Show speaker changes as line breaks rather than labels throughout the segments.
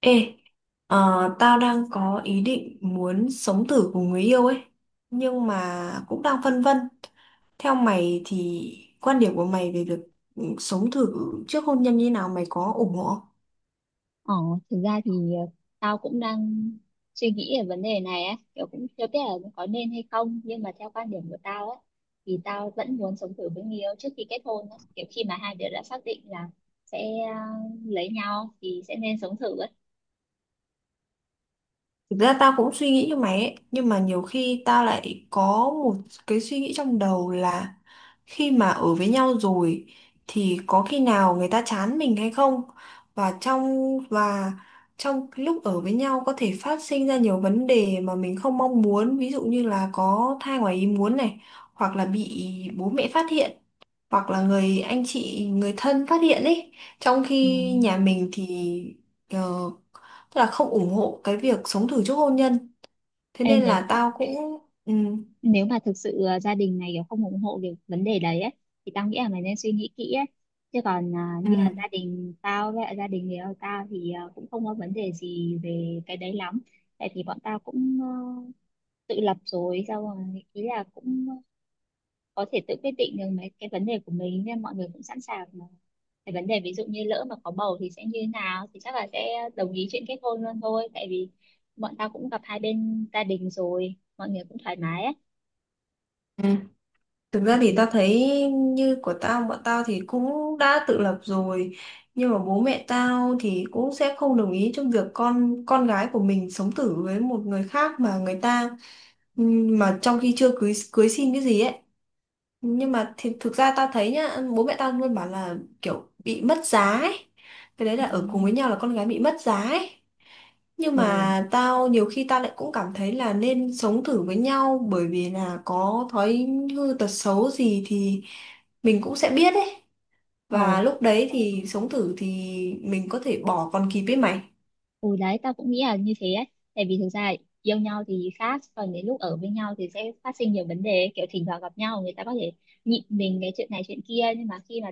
Ê, tao đang có ý định muốn sống thử cùng người yêu ấy, nhưng mà cũng đang phân vân. Theo mày thì quan điểm của mày về việc sống thử trước hôn nhân như nào mày có ủng hộ không?
Ờ, Thực ra thì tao cũng đang suy nghĩ về vấn đề này á, kiểu cũng chưa biết là có nên hay không, nhưng mà theo quan điểm của tao á, thì tao vẫn muốn sống thử với người yêu trước khi kết hôn á, kiểu khi mà hai đứa đã xác định là sẽ ờ, lấy nhau thì sẽ nên sống thử á.
Thực ra tao cũng suy nghĩ như mày ấy, nhưng mà nhiều khi tao lại có một cái suy nghĩ trong đầu là khi mà ở với nhau rồi thì có khi nào người ta chán mình hay không? Và trong cái lúc ở với nhau có thể phát sinh ra nhiều vấn đề mà mình không mong muốn, ví dụ như là có thai ngoài ý muốn này, hoặc là bị bố mẹ phát hiện, hoặc là người anh chị, người thân phát hiện ấy. Trong
Ừ.
khi nhà mình thì ờ, tức là không ủng hộ cái việc sống thử trước hôn nhân, thế
Ê,
nên
nếu
là tao cũng ừ,
nếu mà thực sự gia đình này kiểu không ủng hộ cái vấn đề đấy ấy, thì tao nghĩ là mày nên suy nghĩ kỹ ấy, chứ còn
ừ,
như là gia đình tao với lại gia đình người yêu tao thì cũng không có vấn đề gì về cái đấy lắm, tại vì bọn tao cũng tự lập rồi, xong rồi ý là cũng có thể tự quyết định được mấy cái vấn đề của mình nên mọi người cũng sẵn sàng mà. Cái vấn đề ví dụ như lỡ mà có bầu thì sẽ như thế nào thì chắc là sẽ đồng ý chuyện kết hôn luôn thôi, tại vì bọn tao cũng gặp hai bên gia đình rồi, mọi người cũng thoải mái ấy.
ừ. Thực ra thì tao thấy như của tao bọn tao thì cũng đã tự lập rồi, nhưng mà bố mẹ tao thì cũng sẽ không đồng ý trong việc con gái của mình sống thử với một người khác mà người ta ừ, mà trong khi chưa cưới cưới xin cái gì ấy, nhưng mà thì thực ra tao thấy nhá bố mẹ tao luôn bảo là kiểu bị mất giá ấy. Cái đấy
Ừ.
là ở cùng với nhau là con gái bị mất giá ấy, nhưng
Ừ,
mà tao nhiều khi tao lại cũng cảm thấy là nên sống thử với nhau bởi vì là có thói hư tật xấu gì thì mình cũng sẽ biết ấy,
ờ
và lúc đấy thì sống thử thì mình có thể bỏ còn kịp ấy mày.
ừ, đấy tao cũng nghĩ là như thế ấy, tại vì thực ra yêu nhau thì khác, còn đến lúc ở với nhau thì sẽ phát sinh nhiều vấn đề, kiểu thỉnh thoảng gặp nhau người ta có thể nhịn mình cái chuyện này chuyện kia, nhưng mà khi mà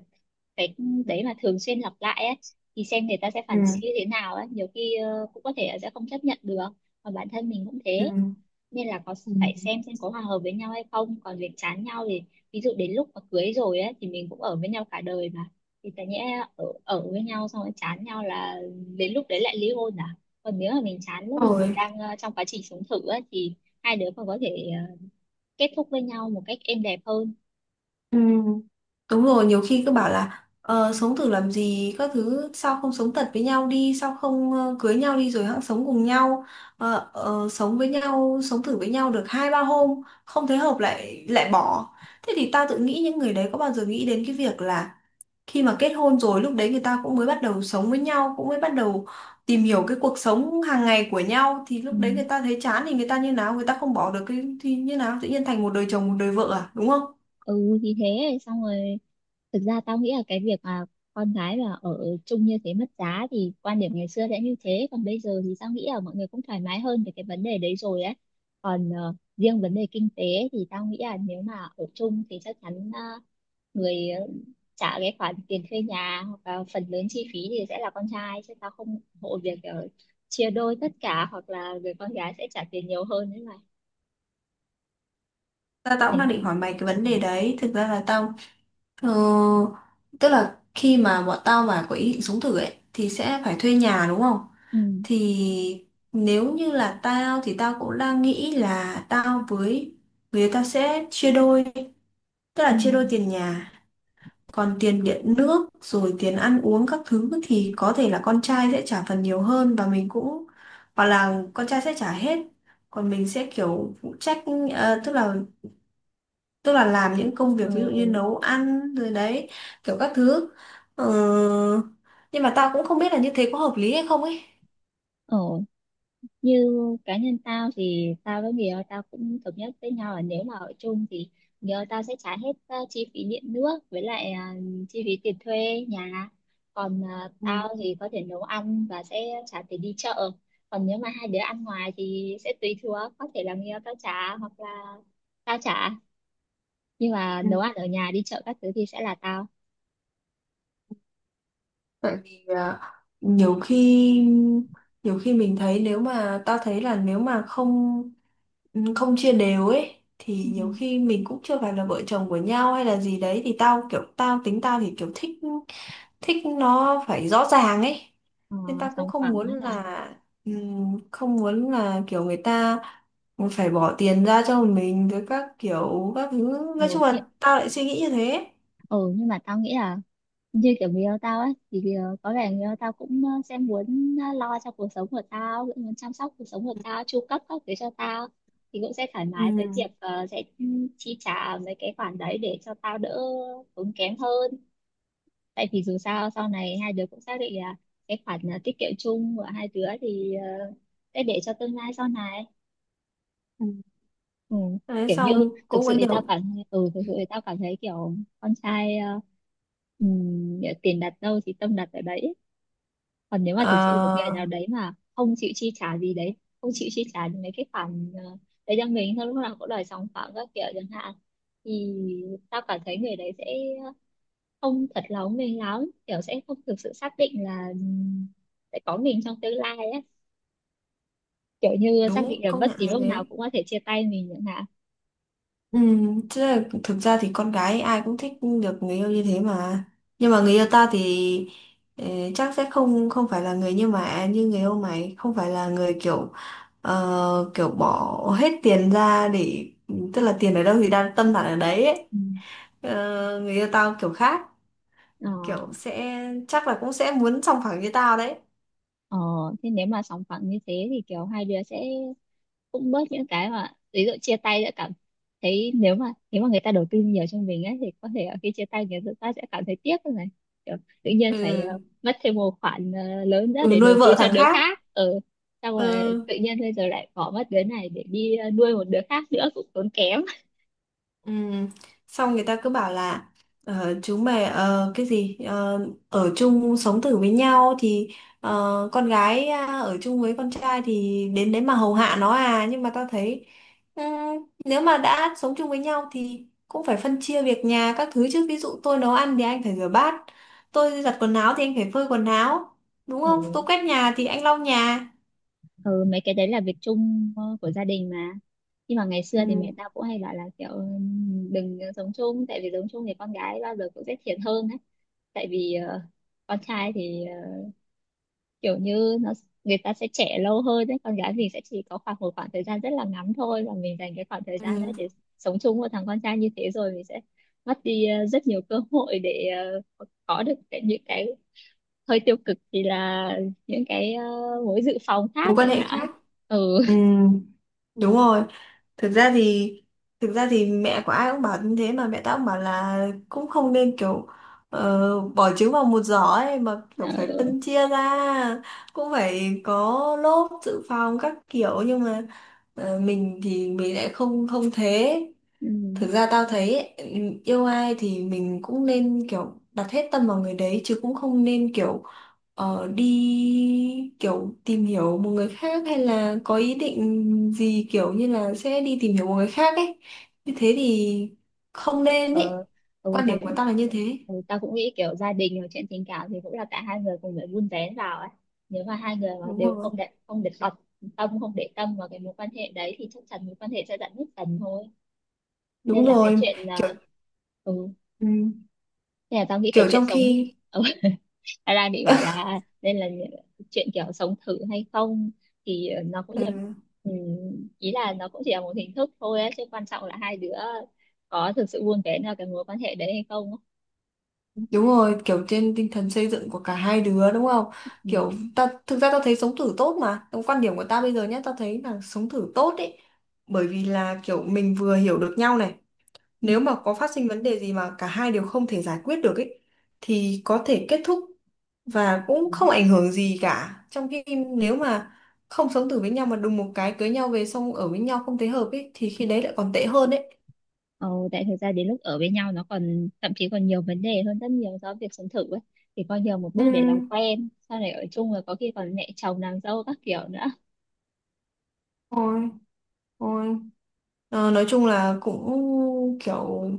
cái đấy mà thường xuyên lặp lại ấy thì xem người ta sẽ
Ừ.
phản ứng như thế nào ấy, nhiều khi cũng có thể là sẽ không chấp nhận được, và bản thân mình cũng thế.
Ừ.
Nên là có
Ừ.
phải xem có hòa hợp với nhau hay không, còn việc chán nhau thì ví dụ đến lúc mà cưới rồi ấy, thì mình cũng ở với nhau cả đời mà, thì tại nhẽ ở với nhau xong rồi chán nhau là đến lúc đấy lại ly hôn à? Còn nếu mà mình chán lúc mà mình
Rồi.
đang trong quá trình sống thử ấy, thì hai đứa còn có thể kết thúc với nhau một cách êm đẹp hơn.
Ừ, đúng rồi, nhiều khi cứ bảo là sống thử làm gì các thứ, sao không sống thật với nhau đi, sao không cưới nhau đi rồi hẵng sống cùng nhau. Sống với nhau, sống thử với nhau được hai ba hôm không thấy hợp lại lại bỏ, thế thì tao tự nghĩ những người đấy có bao giờ nghĩ đến cái việc là khi mà kết hôn rồi lúc đấy người ta cũng mới bắt đầu sống với nhau, cũng mới bắt đầu tìm hiểu cái cuộc sống hàng ngày của nhau thì
Ừ,
lúc đấy người ta thấy chán thì người ta như nào, người ta không bỏ được cái thì như nào, tự nhiên thành một đời chồng một đời vợ à, đúng không?
ừ thì thế xong rồi. Thực ra tao nghĩ là cái việc mà con gái mà ở chung như thế mất giá thì quan điểm ngày xưa sẽ như thế, còn bây giờ thì tao nghĩ là mọi người cũng thoải mái hơn về cái vấn đề đấy rồi ấy. Còn riêng vấn đề kinh tế thì tao nghĩ là nếu mà ở chung thì chắc chắn người trả cái khoản tiền thuê nhà hoặc là phần lớn chi phí thì sẽ là con trai, chứ tao không ủng hộ việc chia đôi tất cả hoặc là người con gái sẽ trả tiền nhiều hơn đấy mà.
Tao cũng đang
Đấy.
định hỏi mày cái vấn
Ừ.
đề đấy. Thực ra là tao ờ, tức là khi mà bọn tao mà có ý định sống thử ấy thì sẽ phải thuê nhà đúng không?
Ừ.
Thì nếu như là tao thì tao cũng đang nghĩ là Tao với tao sẽ chia đôi, tức
Ừ.
là chia đôi tiền nhà. Còn tiền điện nước, rồi tiền ăn uống các thứ thì có thể là con trai sẽ trả phần nhiều hơn, và mình cũng, hoặc là con trai sẽ trả hết, còn mình sẽ kiểu phụ trách, ờ, Tức là tức là làm những công việc
Ờ.
ví dụ như nấu ăn rồi đấy kiểu các thứ. Ờ, nhưng mà tao cũng không biết là như thế có hợp lý hay không ấy.
Ờ. Như cá nhân tao thì tao với người yêu tao cũng thống nhất với nhau là nếu mà ở chung thì người yêu tao sẽ trả hết chi phí điện nước với lại chi phí tiền thuê nhà, còn tao thì có thể nấu ăn và sẽ trả tiền đi chợ. Còn nếu mà hai đứa ăn ngoài thì sẽ tùy thuộc, có thể là người yêu tao trả hoặc là tao trả, nhưng mà
Ừ.
nấu ăn ở nhà đi chợ các thứ thì sẽ là tao.
Tại vì nhiều khi nhiều khi mình thấy nếu mà tao thấy là nếu mà không không chia đều ấy thì
Ừ.
nhiều khi mình cũng chưa phải là vợ chồng của nhau hay là gì đấy thì tao kiểu tao tính tao thì kiểu thích thích nó phải rõ ràng ấy,
ờ,
nên tao cũng
Sòng
không
phẳng ấy
muốn
là.
là không muốn là kiểu người ta phải bỏ tiền ra cho mình rồi các kiểu các thứ,
Ừ,
nói chung
nhưng-
là tao lại suy nghĩ như thế.
ừ, nhưng mà tao nghĩ là như kiểu người yêu tao ấy thì có vẻ người yêu tao cũng sẽ muốn lo cho cuộc sống của tao, cũng muốn chăm sóc cuộc sống của tao chu cấp các thứ cho tao, thì cũng sẽ thoải
Ừ.
mái với việc sẽ chi trả mấy cái khoản đấy để cho tao đỡ tốn kém hơn, tại vì dù sao sau này hai đứa cũng xác định là cái khoản tiết kiệm chung của hai đứa thì sẽ để cho tương lai sau này.
Ừ.
Ừ.
Đấy
Kiểu như
xong
thực
cũng có
sự thì tao
nhiều.
cảm thực sự thì tao cảm thấy kiểu con trai tiền đặt đâu thì tâm đặt ở đấy. Còn nếu mà thực sự một người
Ờ,
nào đấy mà không chịu chi trả gì đấy, không chịu chi trả những mấy cái khoản đấy cho mình, thôi lúc nào cũng đòi sòng phẳng các kiểu chẳng hạn, thì tao cảm thấy người đấy sẽ không thật lòng mình lắm, kiểu sẽ không thực sự xác định là sẽ có mình trong tương lai ấy, kiểu như xác định
đúng,
là
công
bất
nhận
kỳ
là
lúc nào
thế.
cũng có thể chia tay mình chẳng hạn.
Ừ, chứ là thực ra thì con gái ai cũng thích được người yêu như thế mà, nhưng mà người yêu ta thì ờ, chắc sẽ không không phải là người như mà như người yêu mày, không phải là người kiểu kiểu bỏ hết tiền ra để tức là tiền ở đâu thì đang tâm đặt ở đấy ấy.
Ừ.
Ờ, người yêu tao kiểu khác,
ờ,
kiểu sẽ chắc là cũng sẽ muốn sòng phẳng như tao đấy.
ờ, Thế nếu mà sòng phẳng như thế thì kiểu hai đứa sẽ cũng bớt những cái mà ví dụ chia tay sẽ cảm thấy, nếu mà người ta đầu tư nhiều cho mình ấy thì có thể là khi chia tay người ta sẽ cảm thấy tiếc thôi này, kiểu tự nhiên phải
Ừ,
mất thêm một khoản lớn ra
ừ,
để
nuôi
đầu tư
vợ
cho
thằng
đứa
khác.
khác. Ừ. Xong rồi
Ừ.
tự nhiên bây giờ lại bỏ mất đứa này để đi nuôi một đứa khác nữa cũng tốn kém.
Ừ. Xong người ta cứ bảo là chú mày cái gì ở chung sống thử với nhau thì ờ, con gái à, ở chung với con trai thì đến đấy mà hầu hạ nó à, nhưng mà tao thấy ừ, nếu mà đã sống chung với nhau thì cũng phải phân chia việc nhà các thứ chứ, ví dụ tôi nấu ăn thì anh phải rửa bát, tôi giặt quần áo thì anh phải phơi quần áo, đúng không, tôi
Ừ,
quét nhà thì anh lau nhà.
ừ mấy cái đấy là việc chung của gia đình mà. Nhưng mà ngày xưa thì
Ừ.
mẹ tao cũng hay bảo là kiểu đừng sống chung, tại vì sống chung thì con gái bao giờ cũng sẽ thiệt hơn ấy, tại vì con trai thì kiểu như nó người ta sẽ trẻ lâu hơn đấy, con gái mình sẽ chỉ có khoảng một khoảng thời gian rất là ngắn thôi, và mình dành cái khoảng thời gian đấy
Ừ.
để sống chung với thằng con trai như thế rồi mình sẽ mất đi rất nhiều cơ hội để có được cái, những cái hơi tiêu cực thì là những cái mối dự phòng khác
Mối quan
chẳng
hệ
hạn.
khác.
Ừ,
Ừ. Đúng rồi. Thực ra thì thực ra thì mẹ của ai cũng bảo như thế mà, mẹ tao cũng bảo là cũng không nên kiểu bỏ trứng vào một giỏ ấy mà, kiểu phải
ừ.
phân chia ra, cũng phải có lốp dự phòng các kiểu, nhưng mà mình thì mình lại không không thế.
Ừ.
Thực ra tao thấy ấy, yêu ai thì mình cũng nên kiểu đặt hết tâm vào người đấy chứ cũng không nên kiểu đi kiểu tìm hiểu một người khác hay là có ý định gì kiểu như là sẽ đi tìm hiểu một người khác ấy. Như thế thì không nên ấy.
Ờ, ừ,
Quan
tao
điểm của
cũng
tao là như thế.
Ừ, tao cũng nghĩ kiểu gia đình hoặc chuyện tình cảm thì cũng là cả hai người cùng phải vun vén vào ấy. Nếu mà hai người mà
Đúng
đều
rồi.
không để không để bật tâm không để tâm vào cái mối quan hệ đấy thì chắc chắn mối quan hệ sẽ dạn nứt dần thôi. Nên
Đúng
là cái
rồi.
chuyện à,
Kiểu
ừ,
ừ,
Nên là tao nghĩ cái
kiểu
chuyện
trong
sống
khi
ừ, ra bị bảo là nên là chuyện kiểu sống thử hay không thì nó cũng chỉ,
ừ.
ừ, ý là nó cũng chỉ là một hình thức thôi ấy, chứ quan trọng là hai đứa có thực sự vun vén vào cái mối quan hệ đấy hay không ấy.
Đúng rồi, kiểu trên tinh thần xây dựng của cả hai đứa đúng không?
Ừ.
Kiểu ta thực ra tao thấy sống thử tốt mà. Trong quan điểm của tao bây giờ nhé, tao thấy là sống thử tốt ấy. Bởi vì là kiểu mình vừa hiểu được nhau này, nếu mà có phát sinh vấn đề gì mà cả hai đều không thể giải quyết được ấy thì có thể kết thúc và
Ừ.
cũng không ảnh hưởng gì cả. Trong khi nếu mà không sống thử với nhau mà đùng một cái cưới nhau về xong ở với nhau không thấy hợp ấy thì khi đấy lại còn tệ hơn ấy.
Ờ, Tại thực ra đến lúc ở với nhau nó còn thậm chí còn nhiều vấn đề hơn rất nhiều so với việc sống thử ấy. Thì coi như là một
Ừ,
bước để làm quen, sau này ở chung rồi có khi còn mẹ chồng nàng dâu các kiểu nữa.
thôi, thôi. Ờ, nói chung là cũng kiểu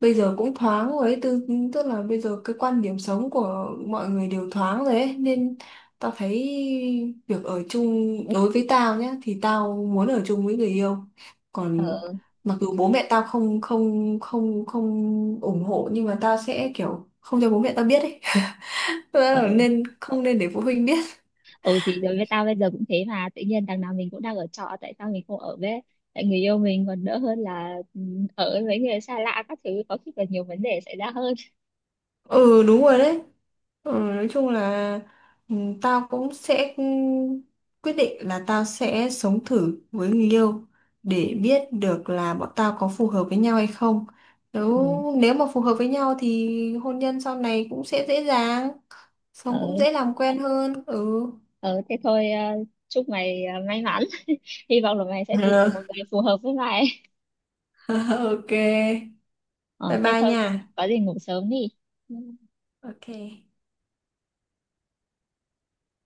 bây giờ cũng thoáng rồi ấy, tức là bây giờ cái quan điểm sống của mọi người đều thoáng rồi ấy, nên tao thấy việc ở chung đối với tao nhá thì tao muốn ở chung với người yêu. Còn
Ờ,
mặc dù bố mẹ tao không không không không ủng hộ nhưng mà tao sẽ kiểu không cho bố mẹ tao biết ấy.
ờ,
Nên không nên để phụ huynh biết.
ừ thì đối với tao bây giờ cũng thế mà, tự nhiên đằng nào mình cũng đang ở trọ, tại sao mình không ở với tại người yêu mình còn đỡ hơn là ở với mấy người xa lạ các thứ có khi còn nhiều vấn đề xảy ra hơn.
Ừ, đúng rồi đấy. Ừ, nói chung là ừ, tao cũng sẽ quyết định là tao sẽ sống thử với người yêu để biết được là bọn tao có phù hợp với nhau hay không,
Ừ,
nếu nếu mà phù hợp với nhau thì hôn nhân sau này cũng sẽ dễ dàng, sống cũng
ờ,
dễ làm quen hơn. Ừ.
ờ, thế thôi, chúc mày may mắn, hy vọng là mày sẽ tìm được một người phù hợp với mày.
OK,
Ờ,
bye
Thế
bye
thôi,
nha.
có gì ngủ sớm đi.
OK.